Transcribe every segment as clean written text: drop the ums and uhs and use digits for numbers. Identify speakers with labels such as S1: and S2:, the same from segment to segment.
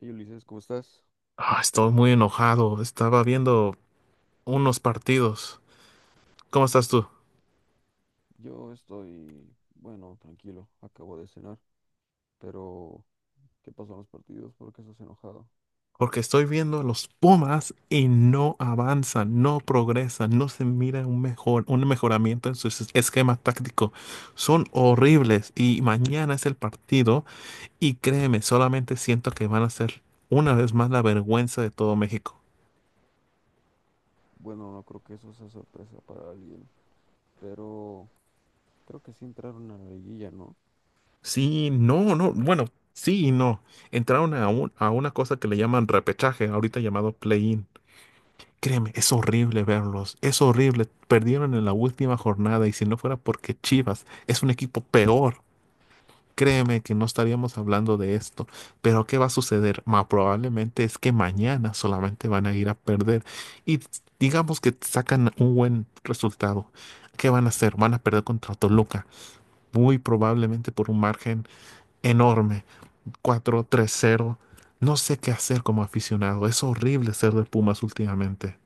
S1: Hey Ulises, ¿cómo estás?
S2: Ah, estoy muy enojado. Estaba viendo unos partidos. ¿Cómo estás tú?
S1: Yo estoy, bueno, tranquilo, acabo de cenar, pero ¿qué pasó en los partidos? ¿Por qué estás enojado?
S2: Porque estoy viendo a los Pumas y no avanzan, no progresan, no se mira un mejor, un mejoramiento en esquema táctico. Son horribles y mañana es el partido y créeme, solamente siento que van a ser una vez más la vergüenza de todo México.
S1: Bueno, no creo que eso sea sorpresa para alguien, pero creo que sí entraron a la liguilla, ¿no?
S2: Sí, no, no, bueno, sí y no. A una cosa que le llaman repechaje, ahorita llamado play-in. Créeme, es horrible verlos, es horrible. Perdieron en la última jornada y si no fuera porque Chivas es un equipo peor, créeme que no estaríamos hablando de esto. Pero ¿qué va a suceder? Probablemente es que mañana solamente van a ir a perder y digamos que sacan un buen resultado. ¿Qué van a hacer? Van a perder contra Toluca, muy probablemente por un margen enorme, 4-3-0. No sé qué hacer como aficionado, es horrible ser de Pumas últimamente.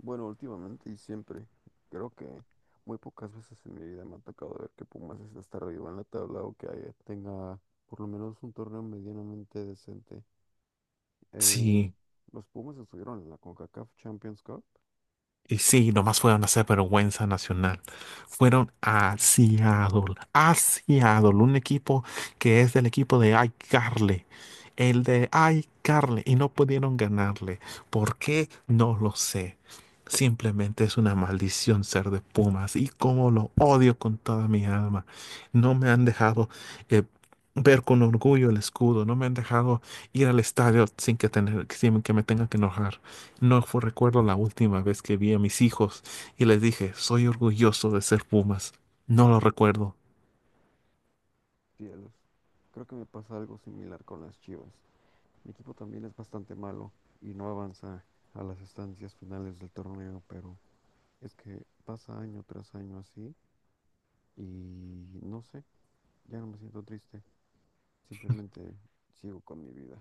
S1: Bueno, últimamente y siempre, creo que muy pocas veces en mi vida me ha tocado ver que Pumas esté hasta arriba en la tabla o que tenga por lo menos un torneo medianamente decente. Em,
S2: Sí.
S1: los Pumas estuvieron en la CONCACAF Champions Cup.
S2: Y sí, nomás fueron a hacer vergüenza nacional. Fueron a Seattle, un equipo que es del equipo de iCarly. El de iCarly y no pudieron ganarle. ¿Por qué? No lo sé. Simplemente es una maldición ser de Pumas y cómo lo odio con toda mi alma. No me han dejado eh, ver con orgullo el escudo, no me han dejado ir al estadio sin que, tener, sin que me tengan que enojar. No fue, recuerdo la última vez que vi a mis hijos y les dije, soy orgulloso de ser Pumas. No lo recuerdo.
S1: Cielos. Creo que me pasa algo similar con las Chivas. Mi equipo también es bastante malo y no avanza a las estancias finales del torneo, pero es que pasa año tras año así y no sé, ya no me siento triste, simplemente sigo con mi vida.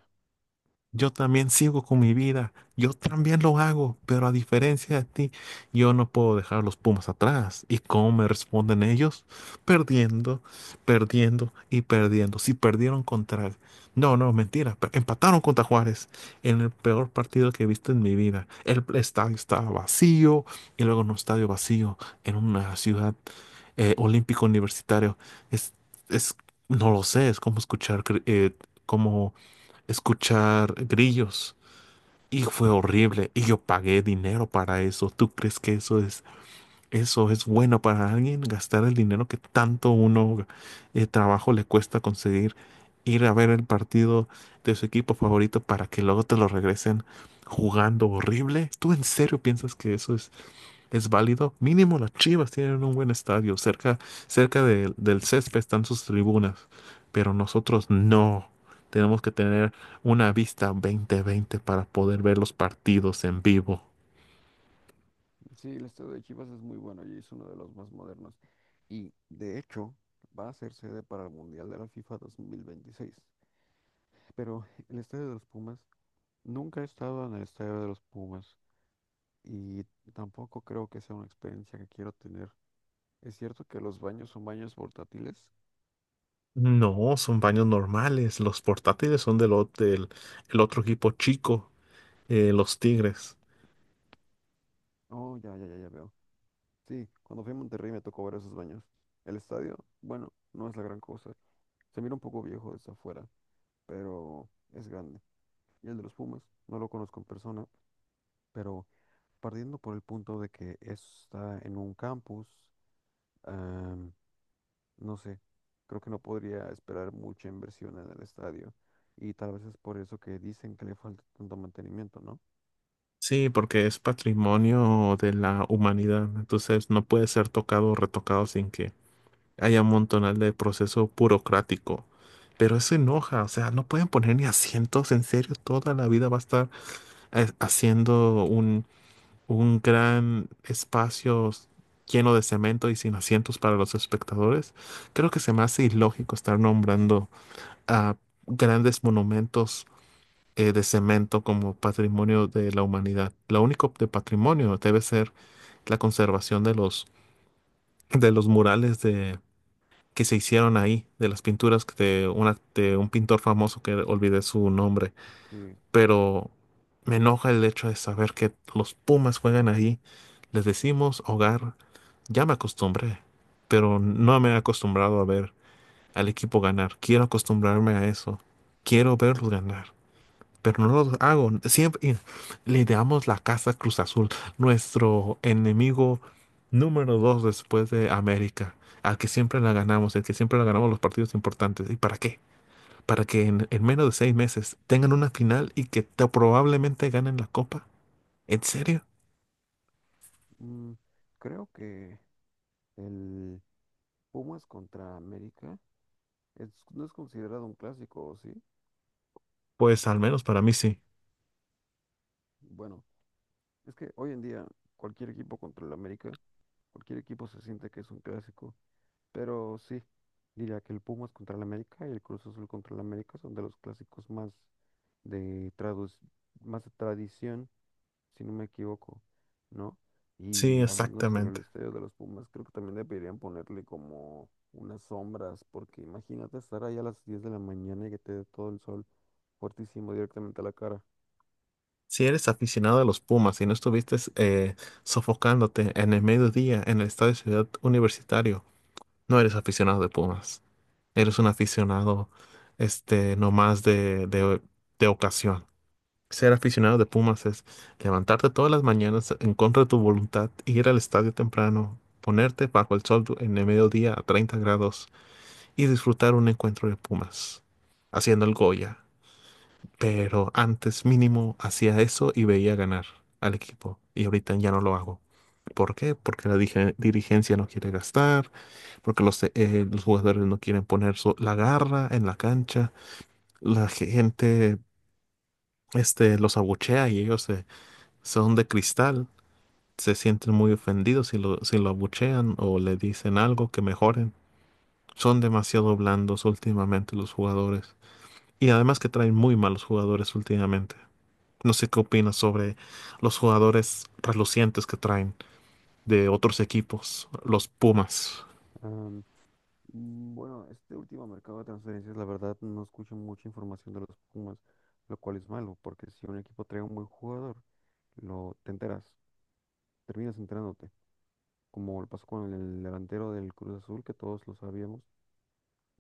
S2: Yo también sigo con mi vida, yo también lo hago, pero a diferencia de ti, yo no puedo dejar los Pumas atrás. ¿Y cómo me responden ellos? Perdiendo, perdiendo y perdiendo. No, no, mentira, empataron contra Juárez en el peor partido que he visto en mi vida. El estadio estaba vacío y luego en un estadio vacío en una ciudad olímpico universitario. Es, es, no lo sé, es como escuchar, como escuchar grillos. Y fue horrible. Y yo pagué dinero para eso. ¿Tú crees que eso es bueno para alguien? Gastar el dinero que tanto uno trabajo le cuesta conseguir. Ir a ver el partido de su equipo favorito para que luego te lo regresen jugando horrible. ¿Tú en serio piensas que eso es válido? Mínimo las Chivas tienen un buen estadio. Cerca, cerca del césped están sus tribunas. Pero nosotros no. Tenemos que tener una vista 20/20 para poder ver los partidos en vivo.
S1: Sí, el estadio de Chivas es muy bueno y es uno de los más modernos y de hecho va a ser sede para el Mundial de la FIFA 2026, pero el estadio de los Pumas, nunca he estado en el estadio de los Pumas, y tampoco creo que sea una experiencia que quiero tener. ¿Es cierto que los baños son baños portátiles?
S2: No, son baños normales. Los portátiles son el otro equipo chico, los Tigres.
S1: Oh, ya, ya, ya, ya veo. Sí, cuando fui a Monterrey me tocó ver esos baños. El estadio, bueno, no es la gran cosa. Se mira un poco viejo desde afuera, pero es grande. Y el de los Pumas, no lo conozco en persona, pero partiendo por el punto de que está en un campus, no sé, creo que no podría esperar mucha inversión en el estadio y tal vez es por eso que dicen que le falta tanto mantenimiento, ¿no?
S2: Sí, porque es patrimonio de la humanidad. Entonces no puede ser tocado o retocado sin que haya un montonal de proceso burocrático. Pero eso enoja, o sea, no pueden poner ni asientos, en serio, toda la vida va a estar haciendo un gran espacio lleno de cemento y sin asientos para los espectadores. Creo que se me hace ilógico estar nombrando a grandes monumentos de cemento como patrimonio de la humanidad. Lo único de patrimonio debe ser la conservación de los murales que se hicieron ahí, de las pinturas de un pintor famoso que olvidé su nombre,
S1: Sí,
S2: pero me enoja el hecho de saber que los Pumas juegan ahí. Les decimos hogar, ya me acostumbré, pero no me he acostumbrado a ver al equipo ganar. Quiero acostumbrarme a eso. Quiero verlos ganar, pero no lo hago. Siempre le damos la casa a Cruz Azul, nuestro enemigo número 2 después de América, al que siempre la ganamos, el que siempre la ganamos los partidos importantes. ¿Y para qué? Para que en menos de 6 meses tengan una final y que probablemente ganen la copa. ¿En serio?
S1: mm, creo que el Pumas contra América no es considerado un clásico, ¿o sí?
S2: Pues al menos para mí sí.
S1: Bueno, es que hoy en día cualquier equipo contra el América, cualquier equipo se siente que es un clásico, pero sí, diría que el Pumas contra el América y el Cruz Azul contra el América son de los clásicos más de tradu- más de tradición, si no me equivoco, ¿no?
S2: Sí,
S1: Y hablando sobre el
S2: exactamente.
S1: estadio de los Pumas, creo que también deberían ponerle como unas sombras, porque imagínate estar ahí a las 10 de la mañana y que te dé todo el sol fuertísimo directamente a la cara.
S2: Si eres aficionado a los Pumas y no estuviste sofocándote en el mediodía en el estadio Ciudad Universitario, no eres aficionado de Pumas. Eres un aficionado, nomás de ocasión. Ser aficionado de Pumas es levantarte todas las mañanas en contra de tu voluntad, ir al estadio temprano, ponerte bajo el sol en el mediodía a 30 grados y disfrutar un encuentro de Pumas, haciendo el Goya. Pero antes mínimo hacía eso y veía ganar al equipo y ahorita ya no lo hago. ¿Por qué? Porque la dirigencia no quiere gastar, porque los jugadores no quieren poner la garra en la cancha, la gente los abuchea y ellos se son de cristal, se sienten muy ofendidos si lo abuchean o le dicen algo que mejoren. Son demasiado blandos últimamente los jugadores. Y además que traen muy malos jugadores últimamente. No sé qué opinas sobre los jugadores relucientes que traen de otros equipos, los Pumas.
S1: Am, bueno, este último mercado de transferencias, la verdad, no escucho mucha información de los Pumas, lo cual es malo, porque si un equipo trae un buen jugador, lo te enteras, terminas enterándote, como lo pasó con el delantero del Cruz Azul, que todos lo sabíamos,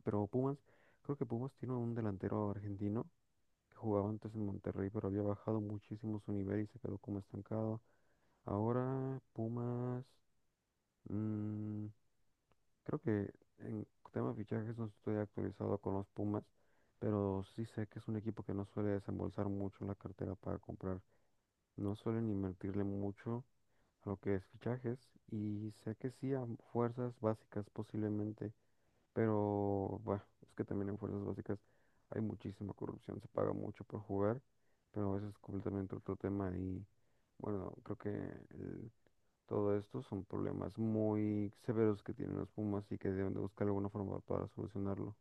S1: pero Pumas, creo que Pumas tiene un delantero argentino que jugaba antes en Monterrey, pero había bajado muchísimo su nivel y se quedó como estancado. Ahora Pumas, mm, creo que en tema de fichajes no estoy actualizado con los Pumas, pero sí sé que es un equipo que no suele desembolsar mucho la cartera para comprar, no suelen invertirle mucho a lo que es fichajes y sé que sí a fuerzas básicas posiblemente, pero, bueno, es que también en fuerzas básicas hay muchísima corrupción, se paga mucho por jugar, pero eso es completamente otro tema y, bueno, creo que todo esto son problemas muy severos que tienen los Pumas y que deben de buscar alguna forma para solucionarlo.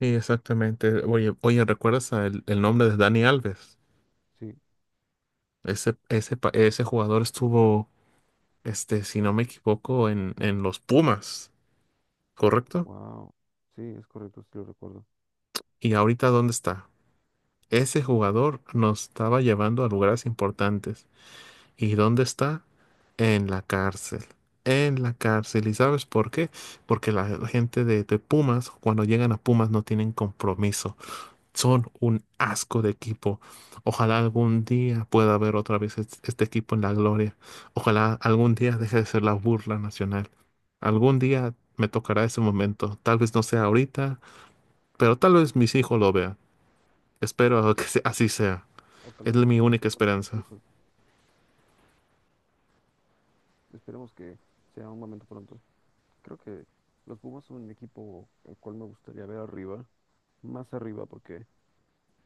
S2: Sí, exactamente. Oye, ¿recuerdas el nombre de Dani Alves?
S1: Sí,
S2: Ese jugador estuvo, si no me equivoco, en los Pumas, ¿correcto?
S1: wow, sí, es correcto, sí lo recuerdo.
S2: ¿Y ahorita dónde está? Ese jugador nos estaba llevando a lugares importantes. ¿Y dónde está? En la cárcel. En la cárcel. ¿Y sabes por qué? Porque la gente de Pumas, cuando llegan a Pumas, no tienen compromiso. Son un asco de equipo. Ojalá algún día pueda haber otra vez este equipo en la gloria. Ojalá algún día deje de ser la burla nacional. Algún día me tocará ese momento. Tal vez no sea ahorita, pero tal vez mis hijos lo vean. Espero que así sea.
S1: O tal
S2: Es
S1: vez los
S2: mi única
S1: hijos de tus
S2: esperanza.
S1: hijos. Esperemos que sea un momento pronto. Creo que los Pumas son un equipo al cual me gustaría ver arriba, más arriba, porque,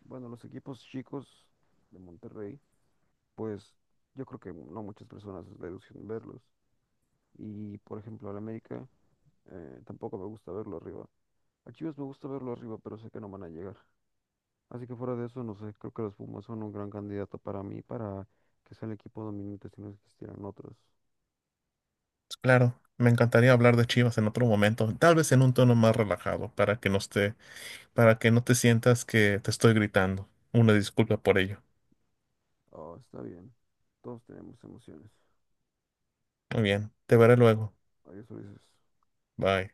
S1: bueno, los equipos chicos de Monterrey, pues yo creo que no muchas personas les gustan verlos. Y por ejemplo, al América, tampoco me gusta verlo arriba. A Chivas me gusta verlo arriba, pero sé que no van a llegar. Así que fuera de eso, no sé, creo que los Pumas son un gran candidato para mí, para que sea el equipo dominante si no existieran otros.
S2: Claro, me encantaría hablar de Chivas en otro momento, tal vez en un tono más relajado, para que no esté, para que no te sientas que te estoy gritando. Una disculpa por ello.
S1: Oh, está bien. Todos tenemos emociones.
S2: Muy bien, te veré luego.
S1: Adiós, Ulises.
S2: Bye.